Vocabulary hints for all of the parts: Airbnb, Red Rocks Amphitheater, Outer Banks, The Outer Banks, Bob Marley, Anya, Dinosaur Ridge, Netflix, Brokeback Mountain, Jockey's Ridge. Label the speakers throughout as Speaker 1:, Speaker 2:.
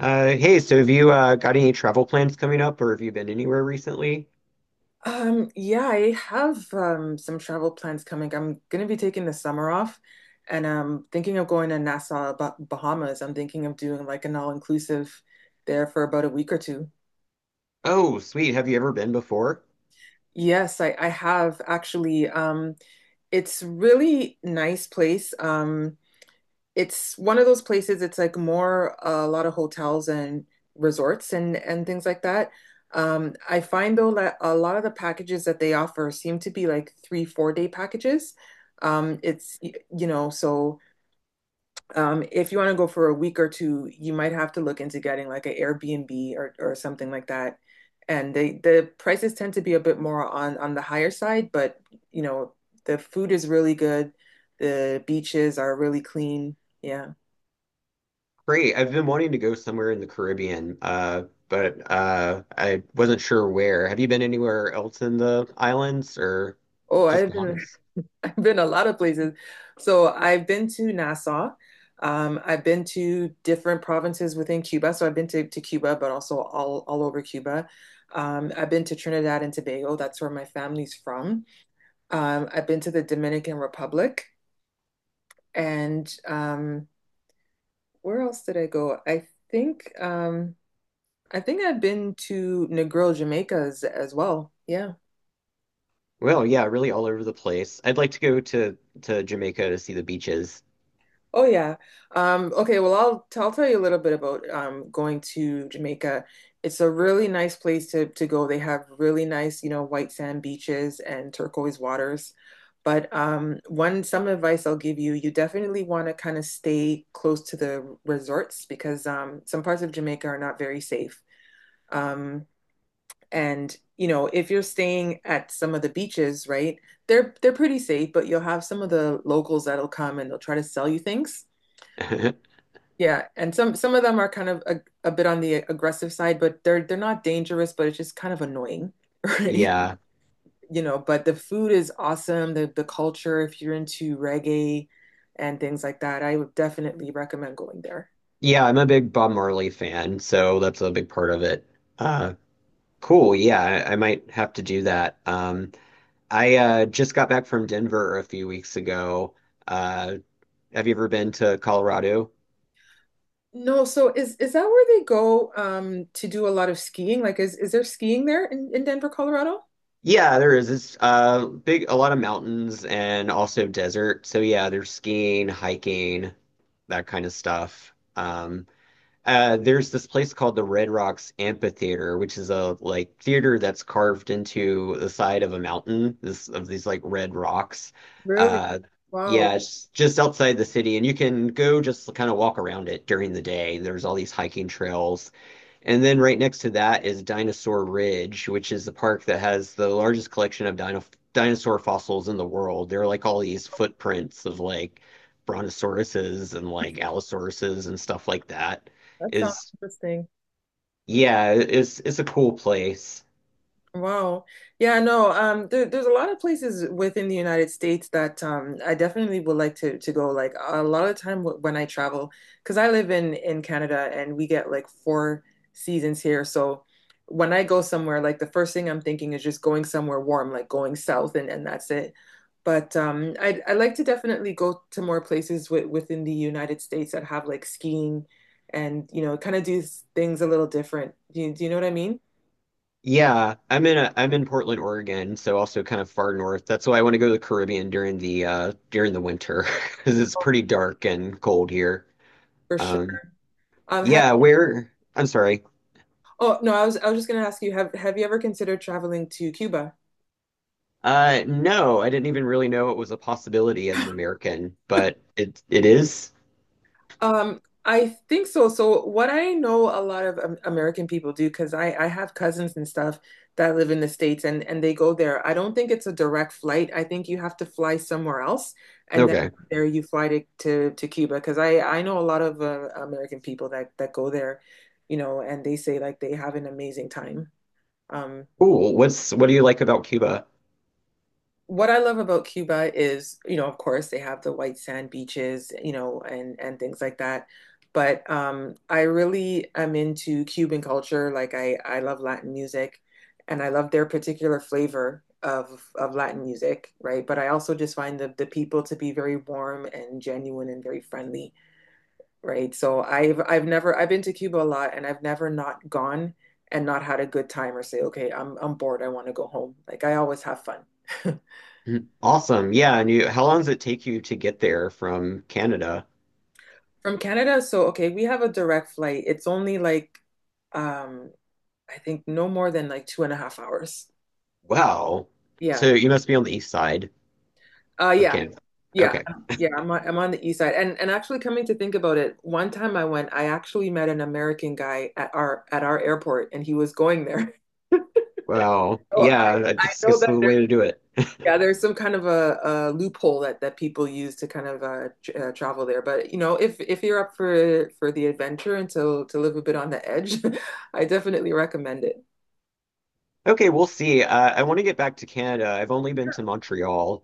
Speaker 1: Hey, so have you got any travel plans coming up, or have you been anywhere recently?
Speaker 2: Yeah, I have some travel plans coming. I'm gonna be taking the summer off, and I'm thinking of going to Nassau, Bahamas. I'm thinking of doing like an all-inclusive there for about a week or two.
Speaker 1: Oh, sweet. Have you ever been before?
Speaker 2: Yes, I have actually. It's really nice place. It's one of those places. It's like more a lot of hotels and resorts and things like that. I find, though, that a lot of the packages that they offer seem to be like three, 4 day packages. It's y- you know, so If you want to go for a week or two, you might have to look into getting like an Airbnb or something like that. And the prices tend to be a bit more on the higher side, but you know, the food is really good. The beaches are really clean. Yeah.
Speaker 1: Great. I've been wanting to go somewhere in the Caribbean, but I wasn't sure where. Have you been anywhere else in the islands, or
Speaker 2: Oh,
Speaker 1: just
Speaker 2: I've been
Speaker 1: Bahamas?
Speaker 2: I've been a lot of places. So I've been to Nassau. I've been to different provinces within Cuba. So I've been to Cuba, but also all over Cuba. I've been to Trinidad and Tobago. That's where my family's from. I've been to the Dominican Republic, and, where else did I go? Think um, I think I've been to Negril, Jamaica, as well. Yeah.
Speaker 1: Well, yeah, really all over the place. I'd like to go to Jamaica to see the beaches.
Speaker 2: Oh, yeah. Okay, well, I'll tell you a little bit about going to Jamaica. It's a really nice place to go. They have really nice, white sand beaches and turquoise waters. But one some advice I'll give you: you definitely want to kind of stay close to the resorts, because some parts of Jamaica are not very safe. Um, and if you're staying at some of the beaches, right, they're pretty safe, but you'll have some of the locals that'll come, and they'll try to sell you things. Yeah, and some of them are kind of a bit on the aggressive side, but they're not dangerous, but it's just kind of annoying, right?
Speaker 1: Yeah.
Speaker 2: But the food is awesome, the culture, if you're into reggae and things like that, I would definitely recommend going there.
Speaker 1: Yeah, I'm a big Bob Marley fan, so that's a big part of it. Uh, cool. Yeah, I might have to do that. I just got back from Denver a few weeks ago. Uh, have you ever been to Colorado?
Speaker 2: No, so is that where they go, to do a lot of skiing? Like, is there skiing there in Denver, Colorado?
Speaker 1: Yeah, there is. It's big, a lot of mountains and also desert. So yeah, there's skiing, hiking, that kind of stuff. There's this place called the Red Rocks Amphitheater, which is a like theater that's carved into the side of a mountain, this of these like red rocks.
Speaker 2: Really?
Speaker 1: Uh,
Speaker 2: Wow,
Speaker 1: yeah, it's just outside the city, and you can go just kind of walk around it during the day. There's all these hiking trails. And then right next to that is Dinosaur Ridge, which is the park that has the largest collection of dinosaur fossils in the world. There are like all these footprints of like brontosauruses and like allosauruses and stuff like that
Speaker 2: that sounds
Speaker 1: is
Speaker 2: interesting.
Speaker 1: Yeah, it's a cool place.
Speaker 2: Wow. Yeah, no, there's a lot of places within the United States that, I definitely would like to go. Like, a lot of the time, when I travel, because I live in Canada, and we get like four seasons here. So when I go somewhere, like, the first thing I'm thinking is just going somewhere warm, like going south, and that's it. But I like to definitely go to more places within the United States that have like skiing, and kind of do things a little different. Do you know what I mean?
Speaker 1: Yeah, I'm in Portland, Oregon, so also kind of far north. That's why I want to go to the Caribbean during the winter because it's pretty dark and cold here.
Speaker 2: For sure.
Speaker 1: Um
Speaker 2: Have
Speaker 1: yeah, where I'm sorry.
Speaker 2: Oh, no, I was just gonna ask you, have you ever considered traveling to Cuba?
Speaker 1: No, I didn't even really know it was a possibility as an American, but it is.
Speaker 2: I think so. So, what I know a lot of American people do, because I have cousins and stuff that live in the States, and they go there. I don't think it's a direct flight. I think you have to fly somewhere else, and then
Speaker 1: Okay.
Speaker 2: from there you fly to Cuba. Because I know a lot of American people that go there, and they say like they have an amazing time. Um,
Speaker 1: Cool. What do you like about Cuba?
Speaker 2: what I love about Cuba is, you know, of course they have the white sand beaches, you know, and things like that. But I really am into Cuban culture. Like, I love Latin music, and I love their particular flavor of Latin music, right? But I also just find the people to be very warm and genuine and very friendly, right? So I've never I've been to Cuba a lot, and I've never not gone and not had a good time, or say, okay, I'm bored, I want to go home. Like, I always have fun.
Speaker 1: Mm, awesome. Yeah, and you how long does it take you to get there from Canada?
Speaker 2: From Canada, so, okay, we have a direct flight. It's only like, um I think, no more than like 2.5 hours.
Speaker 1: Wow.
Speaker 2: Yeah.
Speaker 1: So you must be on the east side of
Speaker 2: Yeah.
Speaker 1: Canada.
Speaker 2: Yeah.
Speaker 1: Okay.
Speaker 2: Yeah, I'm on the east side. And, actually, coming to think about it, one time I went, I actually met an American guy at our airport, and he was going there.
Speaker 1: Well,
Speaker 2: Oh, I
Speaker 1: yeah,
Speaker 2: I
Speaker 1: that's
Speaker 2: know
Speaker 1: just
Speaker 2: that.
Speaker 1: the way to do it.
Speaker 2: Yeah, there's some kind of a loophole that people use to kind of tr travel there. But you know, if you're up for the adventure and to live a bit on the edge, I definitely recommend it.
Speaker 1: Okay, we'll see. I want to get back to Canada. I've only been to Montreal.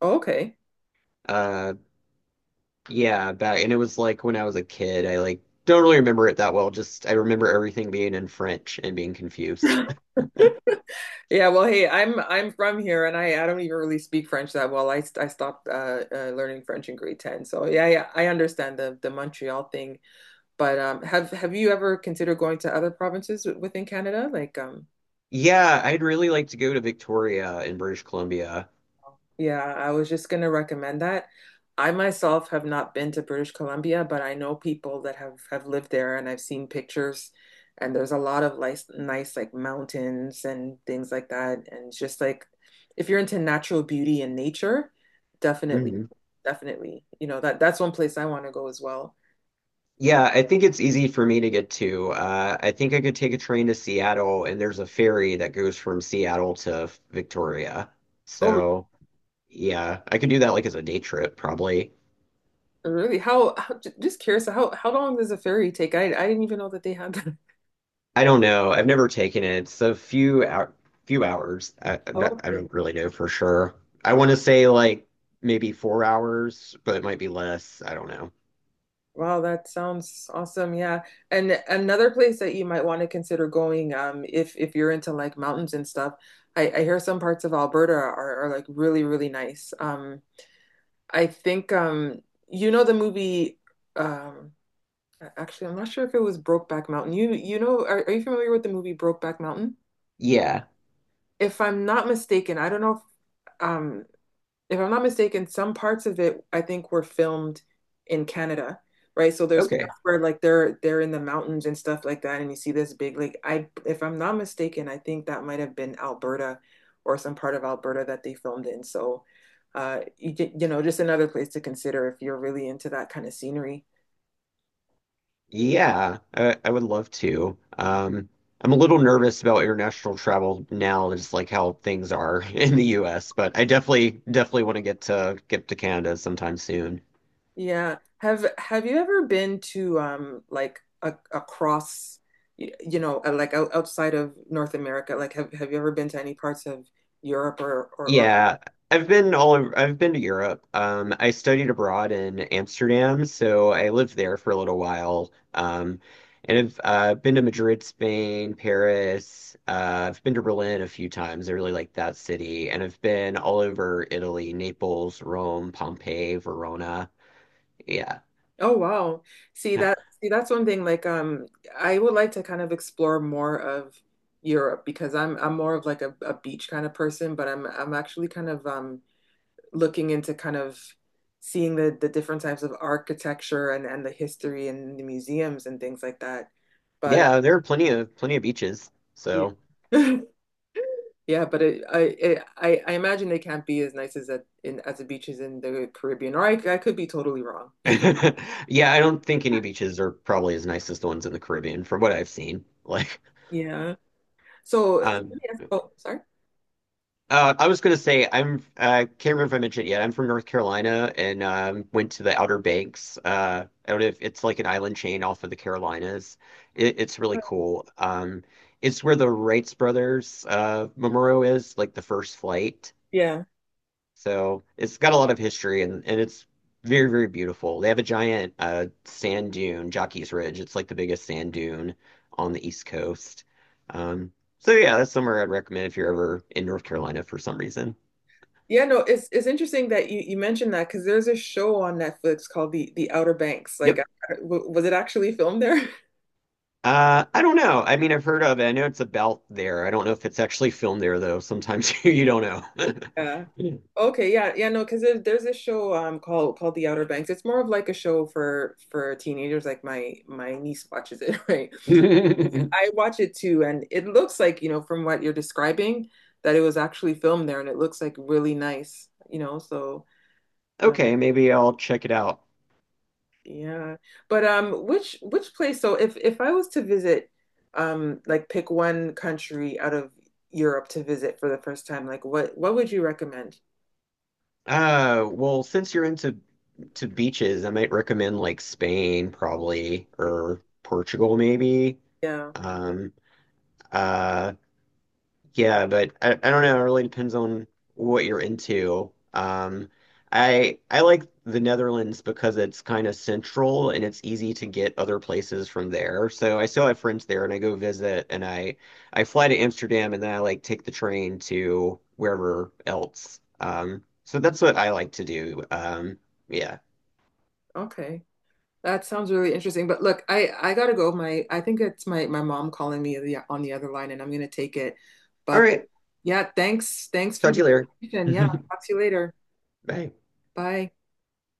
Speaker 2: Oh, okay.
Speaker 1: Uh, yeah, and it was like when I was a kid. I like don't really remember it that well. Just I remember everything being in French and being confused.
Speaker 2: Yeah, well, hey, I'm from here, and I don't even really speak French that well. I stopped learning French in grade 10, so, yeah, yeah, I understand the Montreal thing. But have you ever considered going to other provinces, within Canada, like?
Speaker 1: Yeah, I'd really like to go to Victoria in British Columbia.
Speaker 2: Yeah, I was just going to recommend that. I myself have not been to British Columbia, but I know people that have lived there, and I've seen pictures, and there's a lot of nice, nice, like, mountains and things like that. And it's just like, if you're into natural beauty and nature, definitely,
Speaker 1: Mhm.
Speaker 2: definitely. You know, that's one place I want to go as well.
Speaker 1: Yeah, I think it's easy for me to get to. I think I could take a train to Seattle, and there's a ferry that goes from Seattle to Victoria.
Speaker 2: Oh,
Speaker 1: So, yeah, I could do that like as a day trip, probably.
Speaker 2: really? How Just curious, how long does a ferry take? I didn't even know that they had that.
Speaker 1: I don't know. I've never taken it. It's a few out, few hours. I, I'm not, I
Speaker 2: Oh.
Speaker 1: don't really know for sure. I want to say like maybe 4 hours, but it might be less. I don't know.
Speaker 2: Wow, that sounds awesome. Yeah. And another place that you might want to consider going, if, you're into like mountains and stuff: I hear some parts of Alberta are like really, really nice. I think you know um Actually, I'm not sure if it was Brokeback Mountain. Are, you familiar with the movie Brokeback Mountain?
Speaker 1: Yeah.
Speaker 2: If I'm not mistaken, I don't know if, um if I'm not mistaken, some parts of it, I think, were filmed in Canada, right? So there's
Speaker 1: Okay.
Speaker 2: parts where, like, they're in the mountains and stuff like that, and you see this big, like, I if I'm not mistaken, I think that might have been Alberta or some part of Alberta that they filmed in. So, uh you, you know, just another place to consider if you're really into that kind of scenery.
Speaker 1: Yeah, I would love to. I'm a little nervous about international travel now, just like how things are in the US, but I definitely want to get to Canada sometime soon.
Speaker 2: Yeah. Have you ever been to, like, a across, like, outside of North America? Like, have you ever been to any parts of Europe or
Speaker 1: Yeah, I've been to Europe. I studied abroad in Amsterdam, so I lived there for a little while. And I've been to Madrid, Spain, Paris. I've been to Berlin a few times. I really like that city. And I've been all over Italy, Naples, Rome, Pompeii, Verona. Yeah.
Speaker 2: Oh, wow.
Speaker 1: Huh.
Speaker 2: See, that's one thing, like, I would like to kind of explore more of Europe, because I'm more of like a beach kind of person, but I'm actually kind of, looking into kind of seeing the different types of architecture, and the history, and the museums, and things like that. But...
Speaker 1: Yeah, there are plenty of beaches.
Speaker 2: Yeah.
Speaker 1: So
Speaker 2: Yeah, but I imagine they can't be as nice as at in as the beaches in the Caribbean, or I could be totally wrong.
Speaker 1: yeah, I don't think any beaches are probably as nice as the ones in the Caribbean from what I've seen. Like
Speaker 2: Yeah. So,
Speaker 1: um
Speaker 2: oh, sorry.
Speaker 1: I was gonna say I'm can't remember if I mentioned it yet. I'm from North Carolina and went to the Outer Banks. I don't know if it's like an island chain off of the Carolinas. It's really cool. It's where the Wrights brothers memorial is, like the first flight.
Speaker 2: Yeah.
Speaker 1: So it's got a lot of history and it's very beautiful. They have a giant sand dune, Jockey's Ridge. It's like the biggest sand dune on the East Coast. Um, so yeah, that's somewhere I'd recommend if you're ever in North Carolina for some reason.
Speaker 2: Yeah, no, it's interesting that you mentioned that, because there's a show on Netflix called The Outer Banks. Like,
Speaker 1: Yep.
Speaker 2: was it actually filmed there?
Speaker 1: I don't know. I mean, I've heard of it. I know it's about there. I don't know if it's actually filmed there, though. Sometimes you don't
Speaker 2: Yeah.
Speaker 1: know.
Speaker 2: Okay. Yeah. Yeah. No, because there's a show, called The Outer Banks. It's more of like a show for teenagers. Like, my niece watches it, right? I watch it too, and it looks like, from what you're describing, that it was actually filmed there, and it looks like really nice. So, uh,
Speaker 1: Okay, maybe I'll check it out.
Speaker 2: yeah. But which place? So, if I was to visit, like, pick one country out of Europe to visit for the first time, like, what would you recommend?
Speaker 1: Well, since you're into to beaches, I might recommend like Spain, probably, or Portugal, maybe.
Speaker 2: Yeah.
Speaker 1: Um, uh, Yeah, but I don't know. It really depends on what you're into. I like the Netherlands because it's kind of central and it's easy to get other places from there. So I still have friends there and I go visit and I fly to Amsterdam and then I like take the train to wherever else. So that's what I like to do. Yeah.
Speaker 2: Okay. That sounds really interesting. But look, I gotta go. My I think it's my mom calling me on the other line, and I'm gonna take it.
Speaker 1: All
Speaker 2: But
Speaker 1: right.
Speaker 2: yeah, thanks for
Speaker 1: Talk to
Speaker 2: the
Speaker 1: you later.
Speaker 2: information. Yeah, talk to you later.
Speaker 1: Bye.
Speaker 2: Bye.